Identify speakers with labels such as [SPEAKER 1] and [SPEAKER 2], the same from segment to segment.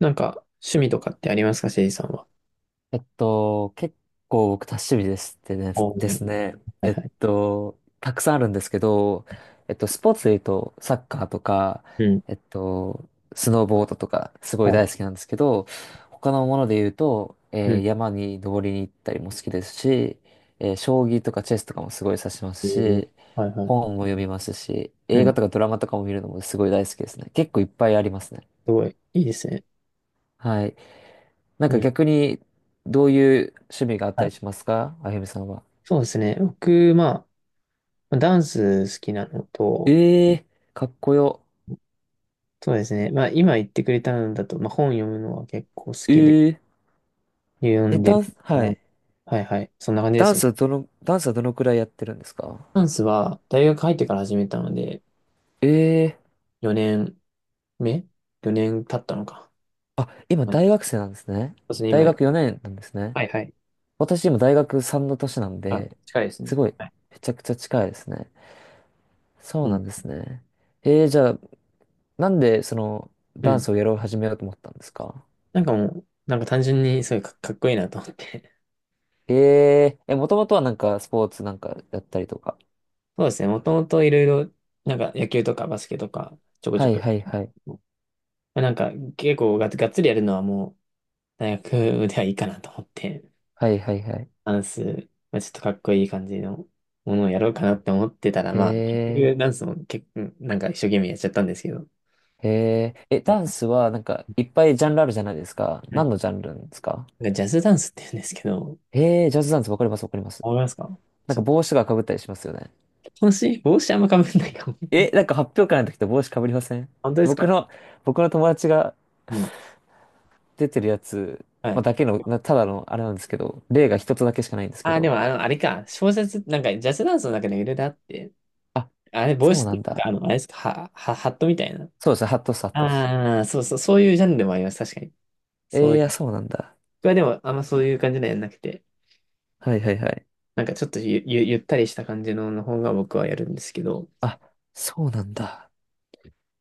[SPEAKER 1] なんか、趣味とかってありますか、せいじさんは？
[SPEAKER 2] 結構僕多趣味
[SPEAKER 1] お
[SPEAKER 2] で
[SPEAKER 1] ー。
[SPEAKER 2] すね。
[SPEAKER 1] はいはい。
[SPEAKER 2] たくさんあるんですけど、スポーツで言うと、サッカーとか、
[SPEAKER 1] うん。
[SPEAKER 2] えっと、スノーボードとか、すごい
[SPEAKER 1] はい。
[SPEAKER 2] 大好きなんですけど、他のもので言うと、
[SPEAKER 1] うん。
[SPEAKER 2] 山に登りに行ったりも好きですし、将棋とかチェスとかもすごい指しま
[SPEAKER 1] え
[SPEAKER 2] す
[SPEAKER 1] ー、
[SPEAKER 2] し、
[SPEAKER 1] はいはい。
[SPEAKER 2] 本も読みますし、
[SPEAKER 1] う
[SPEAKER 2] 映
[SPEAKER 1] ん。
[SPEAKER 2] 画
[SPEAKER 1] す
[SPEAKER 2] とかドラマとかも見るのもすごい大好きですね。結構いっぱいありますね。
[SPEAKER 1] ごい。いいですね。
[SPEAKER 2] はい。なん
[SPEAKER 1] う
[SPEAKER 2] か
[SPEAKER 1] ん。
[SPEAKER 2] 逆に、どういう趣味があった
[SPEAKER 1] は
[SPEAKER 2] り
[SPEAKER 1] い。
[SPEAKER 2] しますか、あゆみさんは。
[SPEAKER 1] そうですね。僕、まあ、ダンス好きなのと、
[SPEAKER 2] ええー、かっこよ。
[SPEAKER 1] そうですね。まあ、今言ってくれたのだと、まあ、本読むのは結構好きで、
[SPEAKER 2] ええ
[SPEAKER 1] 読
[SPEAKER 2] え、
[SPEAKER 1] んで
[SPEAKER 2] ダ
[SPEAKER 1] る
[SPEAKER 2] ンス、
[SPEAKER 1] か
[SPEAKER 2] は
[SPEAKER 1] な。
[SPEAKER 2] い。
[SPEAKER 1] はいはい。そんな感じですね。
[SPEAKER 2] ダンスはどのくらいやってるんですか？
[SPEAKER 1] ダンスは、大学入ってから始めたので、
[SPEAKER 2] ええー、
[SPEAKER 1] 4年目？ 4 年経ったのか。
[SPEAKER 2] あ、今
[SPEAKER 1] はい、
[SPEAKER 2] 大
[SPEAKER 1] そ
[SPEAKER 2] 学生なんですね。
[SPEAKER 1] うですね、
[SPEAKER 2] 大
[SPEAKER 1] 今。
[SPEAKER 2] 学4年なんですね。
[SPEAKER 1] はいはい。
[SPEAKER 2] 私今大学3の年なん
[SPEAKER 1] あ、
[SPEAKER 2] で、
[SPEAKER 1] 近いですね。
[SPEAKER 2] すごい、
[SPEAKER 1] はい。
[SPEAKER 2] めちゃくちゃ近いですね。そ
[SPEAKER 1] う
[SPEAKER 2] うな
[SPEAKER 1] ん。
[SPEAKER 2] んですね。ええ、じゃあ、なんでその、
[SPEAKER 1] う
[SPEAKER 2] ダンス
[SPEAKER 1] ん。
[SPEAKER 2] をやろう始めようと思ったんですか？
[SPEAKER 1] なんかもう、なんか単純にすごいかっこいいなと思って。
[SPEAKER 2] えええ、もともとはなんかスポーツなんかやったりとか。
[SPEAKER 1] そうですね。もともといろいろ、なんか野球とかバスケとか、ちょこち
[SPEAKER 2] は
[SPEAKER 1] ょ
[SPEAKER 2] い
[SPEAKER 1] こ。
[SPEAKER 2] はいはい。
[SPEAKER 1] まあ、なんか結構がっつりやるのはもう、大学ではいいかなと思って、
[SPEAKER 2] はいはいはい。
[SPEAKER 1] ダンス、まあ、ちょっとかっこいい感じのものをやろうかなって思ってたら、
[SPEAKER 2] へ
[SPEAKER 1] まあ、結
[SPEAKER 2] え、
[SPEAKER 1] 局ダンスも結構、なんか一生懸命やっちゃったんですけど。
[SPEAKER 2] へえ。え、ダンスはなんかいっぱいジャンルあるじゃないですか。
[SPEAKER 1] は
[SPEAKER 2] 何
[SPEAKER 1] い。
[SPEAKER 2] のジャンルなんですか？
[SPEAKER 1] なんかジャズダンスって言うんですけど、
[SPEAKER 2] へえ、ジャズダンス、わかりますわかります。
[SPEAKER 1] わかりますか？
[SPEAKER 2] なん
[SPEAKER 1] ち
[SPEAKER 2] か
[SPEAKER 1] ょっと、
[SPEAKER 2] 帽子がかぶったりしますよね。
[SPEAKER 1] 帽子あんま被んないかも。
[SPEAKER 2] え、なんか発表会の時と帽子かぶりません？
[SPEAKER 1] 本当です
[SPEAKER 2] 僕
[SPEAKER 1] か？
[SPEAKER 2] の、僕の友達が
[SPEAKER 1] うん。
[SPEAKER 2] 出てるやつ、
[SPEAKER 1] は
[SPEAKER 2] まあ、
[SPEAKER 1] い。
[SPEAKER 2] だけの、なただのあれなんですけど、例が一つだけしかないんですけ
[SPEAKER 1] ああ、で
[SPEAKER 2] ど。
[SPEAKER 1] もあの、あれか、小説、なんかジャズダンスの中でいろいろあって、
[SPEAKER 2] あ、
[SPEAKER 1] あれ、帽
[SPEAKER 2] そう
[SPEAKER 1] 子っ
[SPEAKER 2] な
[SPEAKER 1] てい
[SPEAKER 2] ん
[SPEAKER 1] うか、
[SPEAKER 2] だ。
[SPEAKER 1] あの、あれですか、ハットみたいな。
[SPEAKER 2] そうですね、ハットス、ハットス。
[SPEAKER 1] ああ、そうそう、そういうジャンルもあります、確かに。そうい
[SPEAKER 2] え
[SPEAKER 1] う。
[SPEAKER 2] え、そうなんだ。
[SPEAKER 1] 僕はでも、あんまそういう感じのやんなくて、
[SPEAKER 2] はいはいはい。
[SPEAKER 1] なんかちょっとゆったりした感じのの方が僕はやるんですけど、
[SPEAKER 2] あ、そうなんだ。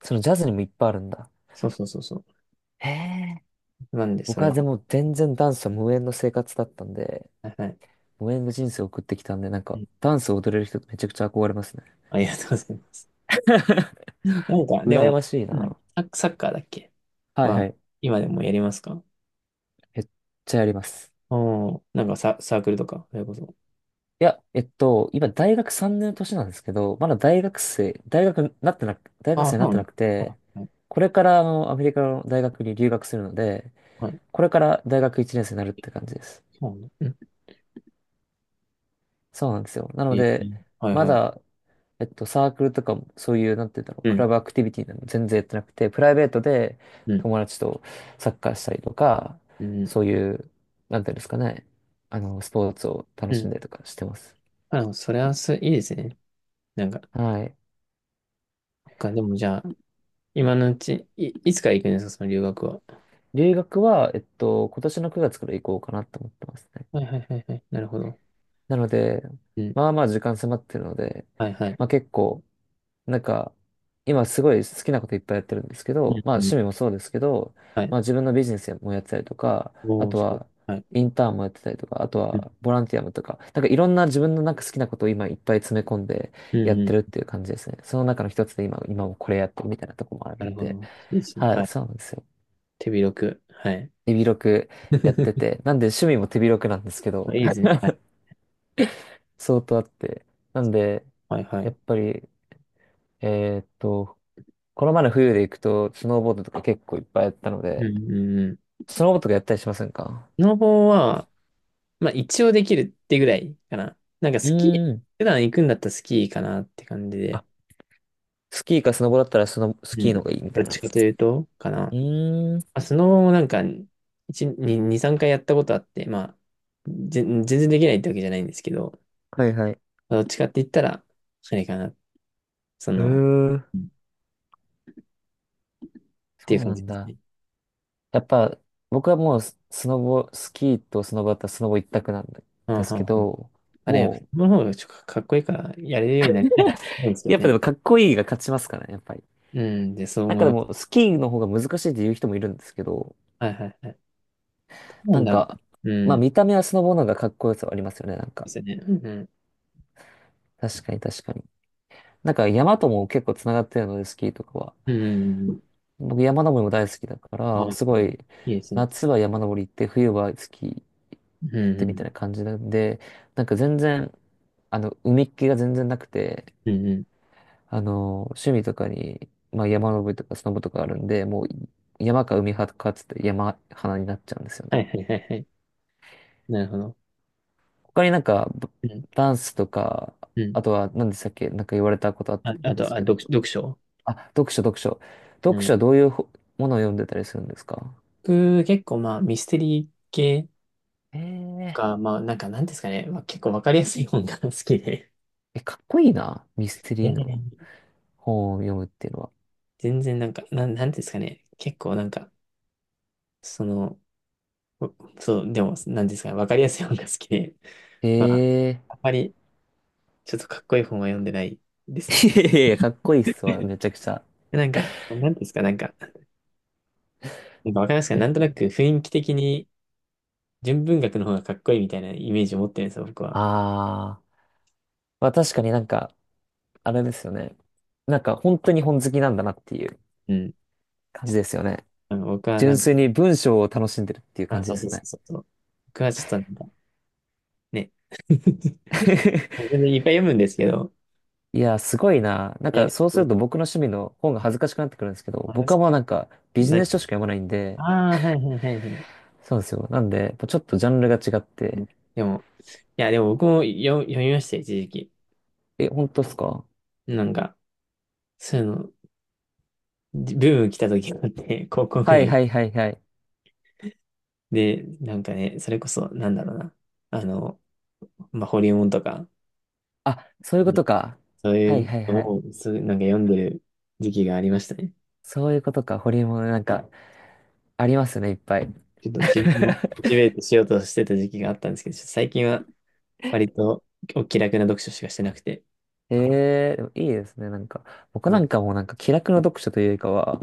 [SPEAKER 2] そのジャズにもいっぱいあるんだ。
[SPEAKER 1] そうそうそうそ
[SPEAKER 2] へえ。
[SPEAKER 1] う。なんで、そ
[SPEAKER 2] 僕は
[SPEAKER 1] れ、
[SPEAKER 2] でも全然ダンスは無縁の生活だったんで、
[SPEAKER 1] はいはい。
[SPEAKER 2] 無縁の人生を送ってきたんで、なん
[SPEAKER 1] う
[SPEAKER 2] か、
[SPEAKER 1] ん。
[SPEAKER 2] ダンスを踊れる人ってめちゃくちゃ憧れますね。
[SPEAKER 1] ありがとうございます。なんか、で
[SPEAKER 2] 羨
[SPEAKER 1] も、
[SPEAKER 2] ましい
[SPEAKER 1] なんだっけ、
[SPEAKER 2] な。
[SPEAKER 1] サッカーだっけ
[SPEAKER 2] はい
[SPEAKER 1] は、
[SPEAKER 2] はい。
[SPEAKER 1] 今でもやりますか？
[SPEAKER 2] めっちゃやります。
[SPEAKER 1] おー、なんかサークルとか、それこそ。
[SPEAKER 2] いや、今大学3年の年なんですけど、まだ大学生、大学になってなく、大学
[SPEAKER 1] ああ、
[SPEAKER 2] 生にな
[SPEAKER 1] そ
[SPEAKER 2] っ
[SPEAKER 1] う
[SPEAKER 2] て
[SPEAKER 1] な
[SPEAKER 2] な
[SPEAKER 1] の。
[SPEAKER 2] く
[SPEAKER 1] あ、
[SPEAKER 2] て、
[SPEAKER 1] はい
[SPEAKER 2] これからアメリカの大学に留学するので、
[SPEAKER 1] はい。
[SPEAKER 2] これから大学1年生になるって感じです。
[SPEAKER 1] そうなの。
[SPEAKER 2] そうなんですよ。なの
[SPEAKER 1] え
[SPEAKER 2] で、
[SPEAKER 1] ー、はい
[SPEAKER 2] ま
[SPEAKER 1] はい。
[SPEAKER 2] だ、サークルとかも、そういう、なんて言うんだろう、
[SPEAKER 1] う
[SPEAKER 2] ク
[SPEAKER 1] ん、
[SPEAKER 2] ラブアクティビティなど全然やってなくて、プライベートで
[SPEAKER 1] うん、
[SPEAKER 2] 友達とサッカーしたりとか、
[SPEAKER 1] うん、
[SPEAKER 2] そういう、なんていうんですかね、スポーツを楽
[SPEAKER 1] う
[SPEAKER 2] し
[SPEAKER 1] ん。
[SPEAKER 2] んだりとかしてます。
[SPEAKER 1] あ、でもそれはいいですね。なんか、
[SPEAKER 2] はい。
[SPEAKER 1] そっか、でもじゃあ、今のうち、いつから行くんですか、その留学は？
[SPEAKER 2] 留学は、今年の9月から行こうかなと思ってますね。
[SPEAKER 1] はいはいはいはい。なるほど。
[SPEAKER 2] なので、
[SPEAKER 1] うん。
[SPEAKER 2] まあまあ時間迫ってるので、
[SPEAKER 1] はいは
[SPEAKER 2] まあ
[SPEAKER 1] い。
[SPEAKER 2] 結構、なんか、今すごい好きなこといっぱいやってるんですけ
[SPEAKER 1] う
[SPEAKER 2] ど、
[SPEAKER 1] ん、
[SPEAKER 2] まあ
[SPEAKER 1] うん。
[SPEAKER 2] 趣味もそうですけど、
[SPEAKER 1] はい。
[SPEAKER 2] まあ自分のビジネスもやってたりとか、あ
[SPEAKER 1] おー、
[SPEAKER 2] と
[SPEAKER 1] すごい。
[SPEAKER 2] は
[SPEAKER 1] はい。
[SPEAKER 2] インターンもやってたりとか、あと
[SPEAKER 1] うん、
[SPEAKER 2] はボランティアもとか、なんかいろんな自分のなんか好きなことを今いっぱい詰め込んで
[SPEAKER 1] うん、
[SPEAKER 2] やっ
[SPEAKER 1] う
[SPEAKER 2] てるっ
[SPEAKER 1] ん。
[SPEAKER 2] ていう感じですね。その中の一つで今もこれやってるみたいなとこもある
[SPEAKER 1] な
[SPEAKER 2] ん
[SPEAKER 1] るほ
[SPEAKER 2] で、
[SPEAKER 1] ど。いいですね。
[SPEAKER 2] は
[SPEAKER 1] は
[SPEAKER 2] い、
[SPEAKER 1] い。
[SPEAKER 2] そうなんですよ。
[SPEAKER 1] 手広く。はい。
[SPEAKER 2] 手広くやって て、なんで趣味も手広くなんですけど、
[SPEAKER 1] いいですね。はい。
[SPEAKER 2] 相当あって。なんで、
[SPEAKER 1] はいは
[SPEAKER 2] や
[SPEAKER 1] い。
[SPEAKER 2] っぱり、えーっと、この前の冬で行くと、スノーボードとか結構いっぱいやったの
[SPEAKER 1] う
[SPEAKER 2] で、
[SPEAKER 1] ん、うん、うん。
[SPEAKER 2] スノーボードとかやったりしませんか？
[SPEAKER 1] スノボは、まあ一応できるってぐらいかな。なんか
[SPEAKER 2] う
[SPEAKER 1] スキー、
[SPEAKER 2] ーん。
[SPEAKER 1] 普段行くんだったらスキーかなって感じ
[SPEAKER 2] あ、
[SPEAKER 1] で。
[SPEAKER 2] スキーかスノボだったらス
[SPEAKER 1] う
[SPEAKER 2] キーの
[SPEAKER 1] ん。
[SPEAKER 2] 方がいいみ
[SPEAKER 1] ど
[SPEAKER 2] た
[SPEAKER 1] っ
[SPEAKER 2] いな。う
[SPEAKER 1] ちかというと、かな。ま
[SPEAKER 2] ーん。
[SPEAKER 1] あ、スノボもなんか、2、3回やったことあって、まあ、全然できないってわけじゃないんですけど、
[SPEAKER 2] はいはい。へ
[SPEAKER 1] どっちかって言ったら、それかな。その、
[SPEAKER 2] え、
[SPEAKER 1] うんっていう
[SPEAKER 2] そう
[SPEAKER 1] 感
[SPEAKER 2] な
[SPEAKER 1] じ
[SPEAKER 2] ん
[SPEAKER 1] です
[SPEAKER 2] だ。
[SPEAKER 1] ね。
[SPEAKER 2] やっぱ、僕はもうスノボ、スキーとスノボだったらスノボ一択なん
[SPEAKER 1] うん、
[SPEAKER 2] で
[SPEAKER 1] う
[SPEAKER 2] すけ
[SPEAKER 1] ん、うん。
[SPEAKER 2] ど、
[SPEAKER 1] あれ、やっぱ、
[SPEAKER 2] も
[SPEAKER 1] その方がちょっとかっこいいから、やれるようになりたいなって思うんです
[SPEAKER 2] う、
[SPEAKER 1] よ
[SPEAKER 2] やっぱで
[SPEAKER 1] ね。
[SPEAKER 2] もかっこいいが勝ちますからね、やっぱり。
[SPEAKER 1] うん、で、そう
[SPEAKER 2] なん
[SPEAKER 1] 思い
[SPEAKER 2] かで
[SPEAKER 1] ます。
[SPEAKER 2] も、スキーの方が難しいって言う人もいるんですけど、
[SPEAKER 1] はいはいはい。そ
[SPEAKER 2] な
[SPEAKER 1] う
[SPEAKER 2] ん
[SPEAKER 1] なんだ。
[SPEAKER 2] か、
[SPEAKER 1] う
[SPEAKER 2] まあ
[SPEAKER 1] ん。そう
[SPEAKER 2] 見た目はスノボの方がかっこよさはありますよね、なんか。
[SPEAKER 1] ですよね。うん。
[SPEAKER 2] 確かに確かに。なんか山とも結構つながってるので、スキーとかは。
[SPEAKER 1] うん。うん。
[SPEAKER 2] 僕山登りも大好きだか
[SPEAKER 1] はい
[SPEAKER 2] ら、すご
[SPEAKER 1] はい。
[SPEAKER 2] い、
[SPEAKER 1] いいですね。
[SPEAKER 2] 夏は山登り行って、冬はスキー
[SPEAKER 1] う
[SPEAKER 2] やっ
[SPEAKER 1] ん。う
[SPEAKER 2] てみた
[SPEAKER 1] ん。
[SPEAKER 2] いな感じなんで、なんか全然、海っ気が全然なくて、
[SPEAKER 1] うん。うん。
[SPEAKER 2] 趣味とかに、まあ山登りとかスノボとかあるんで、もう山か海派かっつって山派になっちゃうんですよ
[SPEAKER 1] は
[SPEAKER 2] ね。
[SPEAKER 1] いはいはいはい。なるほど。
[SPEAKER 2] 他になんか、
[SPEAKER 1] うん。
[SPEAKER 2] ダンスとか、
[SPEAKER 1] うん。
[SPEAKER 2] あとは何でしたっけ、なんか言われたことあった
[SPEAKER 1] あ、
[SPEAKER 2] と思
[SPEAKER 1] あ
[SPEAKER 2] うんで
[SPEAKER 1] と、
[SPEAKER 2] す
[SPEAKER 1] あ、
[SPEAKER 2] けど、
[SPEAKER 1] 読書。
[SPEAKER 2] あ、読書、読書。
[SPEAKER 1] う
[SPEAKER 2] 読
[SPEAKER 1] ん。
[SPEAKER 2] 書はどういうものを読んでたりするんですか？
[SPEAKER 1] 僕、結構まあ、ミステリー系
[SPEAKER 2] ええ
[SPEAKER 1] か、まあ、なんか、なんですかね、まあ、結構わかりやすい本が 好きで。
[SPEAKER 2] え、かっこいいな。ミステ
[SPEAKER 1] い
[SPEAKER 2] リ
[SPEAKER 1] や
[SPEAKER 2] ー
[SPEAKER 1] いやい
[SPEAKER 2] の
[SPEAKER 1] や、
[SPEAKER 2] 本を読むっていうのは。
[SPEAKER 1] 全然なんか、なんですかね、結構なんか、その、お、そう、でも、なんですかね、わかりやすい本が好きで、
[SPEAKER 2] え
[SPEAKER 1] まあ、
[SPEAKER 2] え
[SPEAKER 1] あんまり、ちょっとかっこいい本は読んでないで すね。
[SPEAKER 2] いやいやいや、かっこいいっすわ、めちゃくちゃ。
[SPEAKER 1] なんか、なんですか、なんか、なんかわかりますか、
[SPEAKER 2] え、
[SPEAKER 1] なんとなく雰囲気的に、純文学の方がかっこいいみたいなイメージを持ってるんですよ、僕は。
[SPEAKER 2] あー。まあ確かになんか、あれですよね。なんか本当に本好きなんだなっていう
[SPEAKER 1] うん。
[SPEAKER 2] 感じですよね。
[SPEAKER 1] あの、僕はな
[SPEAKER 2] 純
[SPEAKER 1] んか、
[SPEAKER 2] 粋に文章を楽しんでるっていう感
[SPEAKER 1] あ、
[SPEAKER 2] じ
[SPEAKER 1] そ
[SPEAKER 2] で
[SPEAKER 1] う
[SPEAKER 2] す
[SPEAKER 1] そう
[SPEAKER 2] よ
[SPEAKER 1] そう
[SPEAKER 2] ね。
[SPEAKER 1] そうそう。僕はちょっとなんか、ね。全然いっぱい読むんですけど。
[SPEAKER 2] いや、すごいな。なん
[SPEAKER 1] え、
[SPEAKER 2] か
[SPEAKER 1] で
[SPEAKER 2] そうす
[SPEAKER 1] も
[SPEAKER 2] ると僕の趣味の本が恥ずかしくなってくるんですけど、
[SPEAKER 1] あれで
[SPEAKER 2] 僕
[SPEAKER 1] す
[SPEAKER 2] は
[SPEAKER 1] か、
[SPEAKER 2] もうなんかビジ
[SPEAKER 1] 何
[SPEAKER 2] ネス書
[SPEAKER 1] か、
[SPEAKER 2] しか読まないんで、
[SPEAKER 1] ああ、はいはいはいはい。
[SPEAKER 2] そうですよ。なんで、やっぱちょっとジャンルが違っ
[SPEAKER 1] う
[SPEAKER 2] て。
[SPEAKER 1] ん。でも、いや、でも僕も読みましたよ、一時期。
[SPEAKER 2] え、本当っすか？
[SPEAKER 1] なんか、そういうの、ブーム来た時があって、高校く
[SPEAKER 2] は
[SPEAKER 1] ら
[SPEAKER 2] い
[SPEAKER 1] い。
[SPEAKER 2] はいはいはい。
[SPEAKER 1] で、なんかね、それこそ、なんだろうな。あの、まあ、ホリエモンとか、
[SPEAKER 2] あ、そういうこ
[SPEAKER 1] ね、
[SPEAKER 2] とか。
[SPEAKER 1] そうい
[SPEAKER 2] はい
[SPEAKER 1] う
[SPEAKER 2] はい
[SPEAKER 1] の
[SPEAKER 2] はい。
[SPEAKER 1] を、そう、なんか読んでる時期がありましたね。
[SPEAKER 2] そういうことか。ホリエモンなんか、ありますね、いっぱい。
[SPEAKER 1] ちょっと自分をモチベートしようとしてた時期があったんですけど、ちょっと最近は割とお気楽な読書しかしてなくて。
[SPEAKER 2] ええ、でもいいですね。なんか、僕
[SPEAKER 1] う
[SPEAKER 2] なん
[SPEAKER 1] ん。
[SPEAKER 2] かもうなんか気楽な読書というよりかは、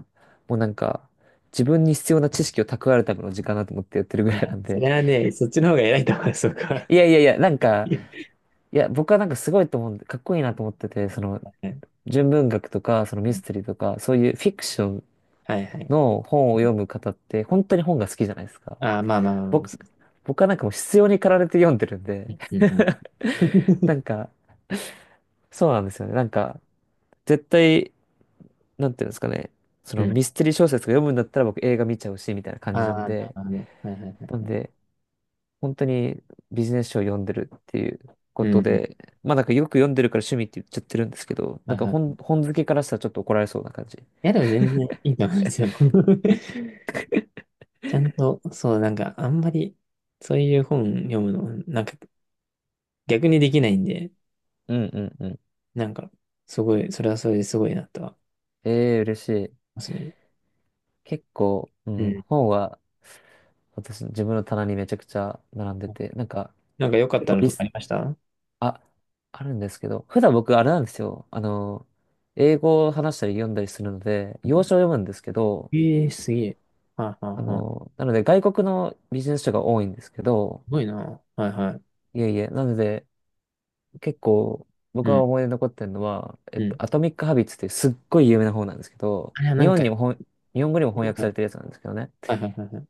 [SPEAKER 2] もうなんか、自分に必要な知識を蓄えるための時間だと思ってやってるぐ
[SPEAKER 1] い
[SPEAKER 2] ら
[SPEAKER 1] や、
[SPEAKER 2] いなん
[SPEAKER 1] そ
[SPEAKER 2] で。
[SPEAKER 1] れはね、そっちの方が偉いと思います、僕は。
[SPEAKER 2] いやいやいや、なんか、いや、僕はなんかすごいと思うんで、かっこいいなと思ってて、その、純文学とか、そのミステリーとか、そういうフィクション
[SPEAKER 1] はいはいはい。
[SPEAKER 2] の本を読む方って本当に本が好きじゃないですか。
[SPEAKER 1] ああ、まあまあまあまあ、
[SPEAKER 2] 僕、
[SPEAKER 1] そ
[SPEAKER 2] 僕はなんかもう必要に駆られて読んでるんで
[SPEAKER 1] う。うんうん。
[SPEAKER 2] な んか、そうなんですよね。なんか、絶対、なんていうんですかね。そ
[SPEAKER 1] う
[SPEAKER 2] のミ
[SPEAKER 1] ん。
[SPEAKER 2] ステリー小説が読むんだったら僕映画見ちゃうし、みたいな感じな
[SPEAKER 1] あ
[SPEAKER 2] ん
[SPEAKER 1] あ、なる
[SPEAKER 2] で。
[SPEAKER 1] ほど。はいはいは
[SPEAKER 2] なん
[SPEAKER 1] い。
[SPEAKER 2] で、本当にビジネス書を読んでるっていうこ
[SPEAKER 1] う
[SPEAKER 2] と
[SPEAKER 1] ん。
[SPEAKER 2] で、まあなんかよく読んでるから趣味って言っちゃってるんですけど、
[SPEAKER 1] は
[SPEAKER 2] なん
[SPEAKER 1] い
[SPEAKER 2] か
[SPEAKER 1] はい。い
[SPEAKER 2] 本好きからしたらちょっと怒られそうな感じ。
[SPEAKER 1] や、でも全然いいと思うんですよ。ちゃんと、そう、なんか、あんまり、そういう本読むの、なんか、逆にできないんで、
[SPEAKER 2] うんうんうん。
[SPEAKER 1] なんか、すごい、それはそれですごいなとは思い
[SPEAKER 2] ええ嬉しい。
[SPEAKER 1] ますね。
[SPEAKER 2] 結構、う
[SPEAKER 1] う
[SPEAKER 2] ん、
[SPEAKER 1] ん。
[SPEAKER 2] 本は私の自分の棚にめちゃくちゃ並んでて、なんか、
[SPEAKER 1] なんか良かっ
[SPEAKER 2] 結
[SPEAKER 1] た
[SPEAKER 2] 構
[SPEAKER 1] の
[SPEAKER 2] リ
[SPEAKER 1] とかあ
[SPEAKER 2] ス、
[SPEAKER 1] りました
[SPEAKER 2] あ、あるんですけど、普段僕あれなんですよ。英語を話したり読んだりするので、洋書を読むんですけど、
[SPEAKER 1] ええ、すげえ。はいはいはい。
[SPEAKER 2] なので外国のビジネス書が多いんですけど、
[SPEAKER 1] すごいな。はいはい。
[SPEAKER 2] いえいえ、なので結構
[SPEAKER 1] う
[SPEAKER 2] 僕が
[SPEAKER 1] ん、
[SPEAKER 2] 思い出に残ってるのは、
[SPEAKER 1] うん。
[SPEAKER 2] アトミック・ハビッツっていうすっごい有名な本なんですけど、
[SPEAKER 1] あれはなんか、は
[SPEAKER 2] 日本語にも翻訳されてるやつなんですけどね、
[SPEAKER 1] いはいはいはい。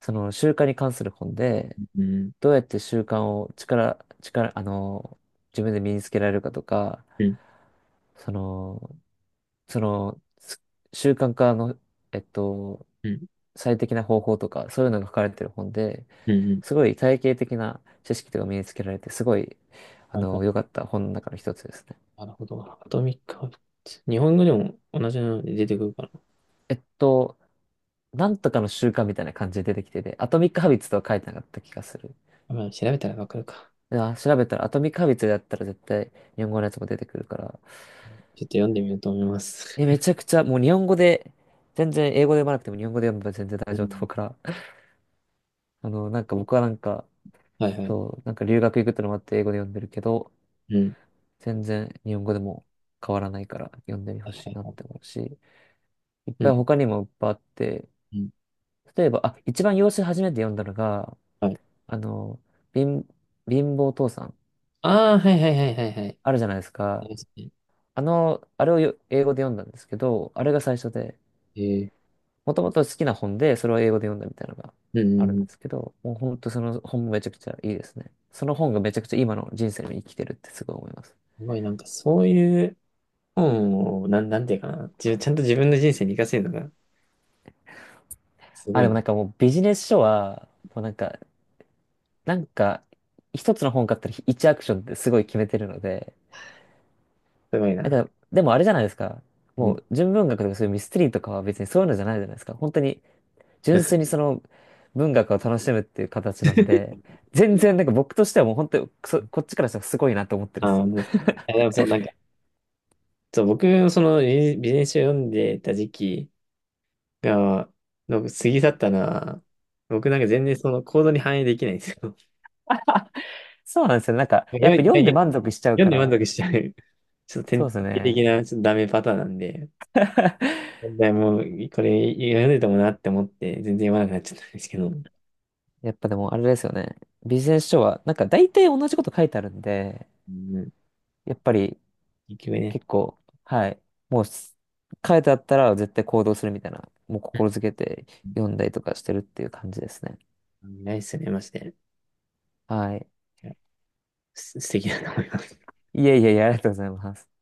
[SPEAKER 2] その習慣に関する本で、
[SPEAKER 1] うん、
[SPEAKER 2] どうやって習慣を力、力、自分で身につけられるかとか、
[SPEAKER 1] うん、
[SPEAKER 2] その、その、す習慣化の、えっと、
[SPEAKER 1] うん、
[SPEAKER 2] 最適な方法とか、そういうのが書かれてる本で、
[SPEAKER 1] うん。うん。
[SPEAKER 2] すごい体系的な知識とか身につけられて、すごい、あ
[SPEAKER 1] はいは
[SPEAKER 2] の、
[SPEAKER 1] い。
[SPEAKER 2] 良かった本の中の一つですね。
[SPEAKER 1] なるほど。アトミックハビッツ。日本語でも同じので出てくるか
[SPEAKER 2] えっと、なんとかの習慣みたいな感じで出てきてて、アトミックハビッツとは書いてなかった気がする。
[SPEAKER 1] な。まあ、調べたらわかるか。
[SPEAKER 2] あ調べたら、アトミックハビッツだったら絶対日本語のやつも出てくるから、
[SPEAKER 1] ちょっと読んでみようと思います。
[SPEAKER 2] え、めちゃくちゃ、もう日本語で、全然英語で読まなくても日本語で読めば全然 大
[SPEAKER 1] う
[SPEAKER 2] 丈夫と
[SPEAKER 1] ん、
[SPEAKER 2] 思うから、なんか僕はなんか、
[SPEAKER 1] はいはい。
[SPEAKER 2] そう、なんか留学行くってのもあって英語で読んでるけど、
[SPEAKER 1] うん、
[SPEAKER 2] 全然日本語でも変わらないから読んでみ
[SPEAKER 1] は
[SPEAKER 2] ほ
[SPEAKER 1] い
[SPEAKER 2] しいなっ
[SPEAKER 1] はい。
[SPEAKER 2] て思うし、いっ
[SPEAKER 1] う
[SPEAKER 2] ぱい
[SPEAKER 1] ん、
[SPEAKER 2] 他にもいっぱいあって、
[SPEAKER 1] うん。
[SPEAKER 2] 例えば、あ、一番洋書初めて読んだのが、
[SPEAKER 1] はい。
[SPEAKER 2] あの、貧、貧乏父さん、
[SPEAKER 1] ああ、はいはいはいはいはい。
[SPEAKER 2] あるじゃないです
[SPEAKER 1] そ
[SPEAKER 2] か。
[SPEAKER 1] うですね。
[SPEAKER 2] あの、あれをよ英語で読んだんですけど、あれが最初で、
[SPEAKER 1] えー、
[SPEAKER 2] もともと好きな本で、それを英語で読んだみたいなのが
[SPEAKER 1] うん、う
[SPEAKER 2] あるん
[SPEAKER 1] ん
[SPEAKER 2] で
[SPEAKER 1] う
[SPEAKER 2] す
[SPEAKER 1] ん。
[SPEAKER 2] けど、もう本当その本もめちゃくちゃいいですね。その本がめちゃくちゃ今の人生に生きてるってすごい思います。
[SPEAKER 1] すごい、なんかそういう本を、なんていうかな。自分ちゃんと自分の人生に活かせるのが、すご
[SPEAKER 2] あ、で
[SPEAKER 1] い
[SPEAKER 2] も
[SPEAKER 1] な。
[SPEAKER 2] なんかもうビジネス書は、もうなんか、なんか、一つの本買ったら一アクションってすごい決めてるので、
[SPEAKER 1] すごい
[SPEAKER 2] な
[SPEAKER 1] な。
[SPEAKER 2] んか、でもあれじゃないですか。
[SPEAKER 1] う
[SPEAKER 2] も
[SPEAKER 1] ん。
[SPEAKER 2] う純文学とかそういうミステリーとかは別にそういうのじゃないじゃないですか。本当に純粋に その文学を楽しむっていう形なんで、全然なんか僕としてはもう本当にそこっちからしたらすごいなと思ってる
[SPEAKER 1] あ
[SPEAKER 2] ん
[SPEAKER 1] あ、
[SPEAKER 2] ですよ。
[SPEAKER 1] 本う。ですか。え、で もそう、なんか、そう、僕、そのビジネス書を読んでた時期が、の過ぎ去ったのは、僕なんか全然その行動に反映できないんですよ。
[SPEAKER 2] そうなんですよ。なんか、やっぱ読んで満足しちゃう
[SPEAKER 1] 読ん
[SPEAKER 2] か
[SPEAKER 1] で満
[SPEAKER 2] ら、
[SPEAKER 1] 足しちゃう。ちょっと典
[SPEAKER 2] そうです
[SPEAKER 1] 型的
[SPEAKER 2] ね。
[SPEAKER 1] なちょっとダメパターンなんで、問題もうこれ読んでたもんなって思って、全然読まなくなっちゃったんですけど、う
[SPEAKER 2] やっぱでもあれですよね。ビジネス書は、なんか大体同じこと書いてあるんで、
[SPEAKER 1] ん、
[SPEAKER 2] やっぱり
[SPEAKER 1] 結局ね、
[SPEAKER 2] 結構、はい。もうす書いてあったら絶対行動するみたいな、もう心づけて
[SPEAKER 1] う
[SPEAKER 2] 読んだりとかしてるっていう感じですね。
[SPEAKER 1] ん、ないっすね、マジで。
[SPEAKER 2] はい。
[SPEAKER 1] いや、素敵だと思います。
[SPEAKER 2] いえいえいえ、ありがとうございます。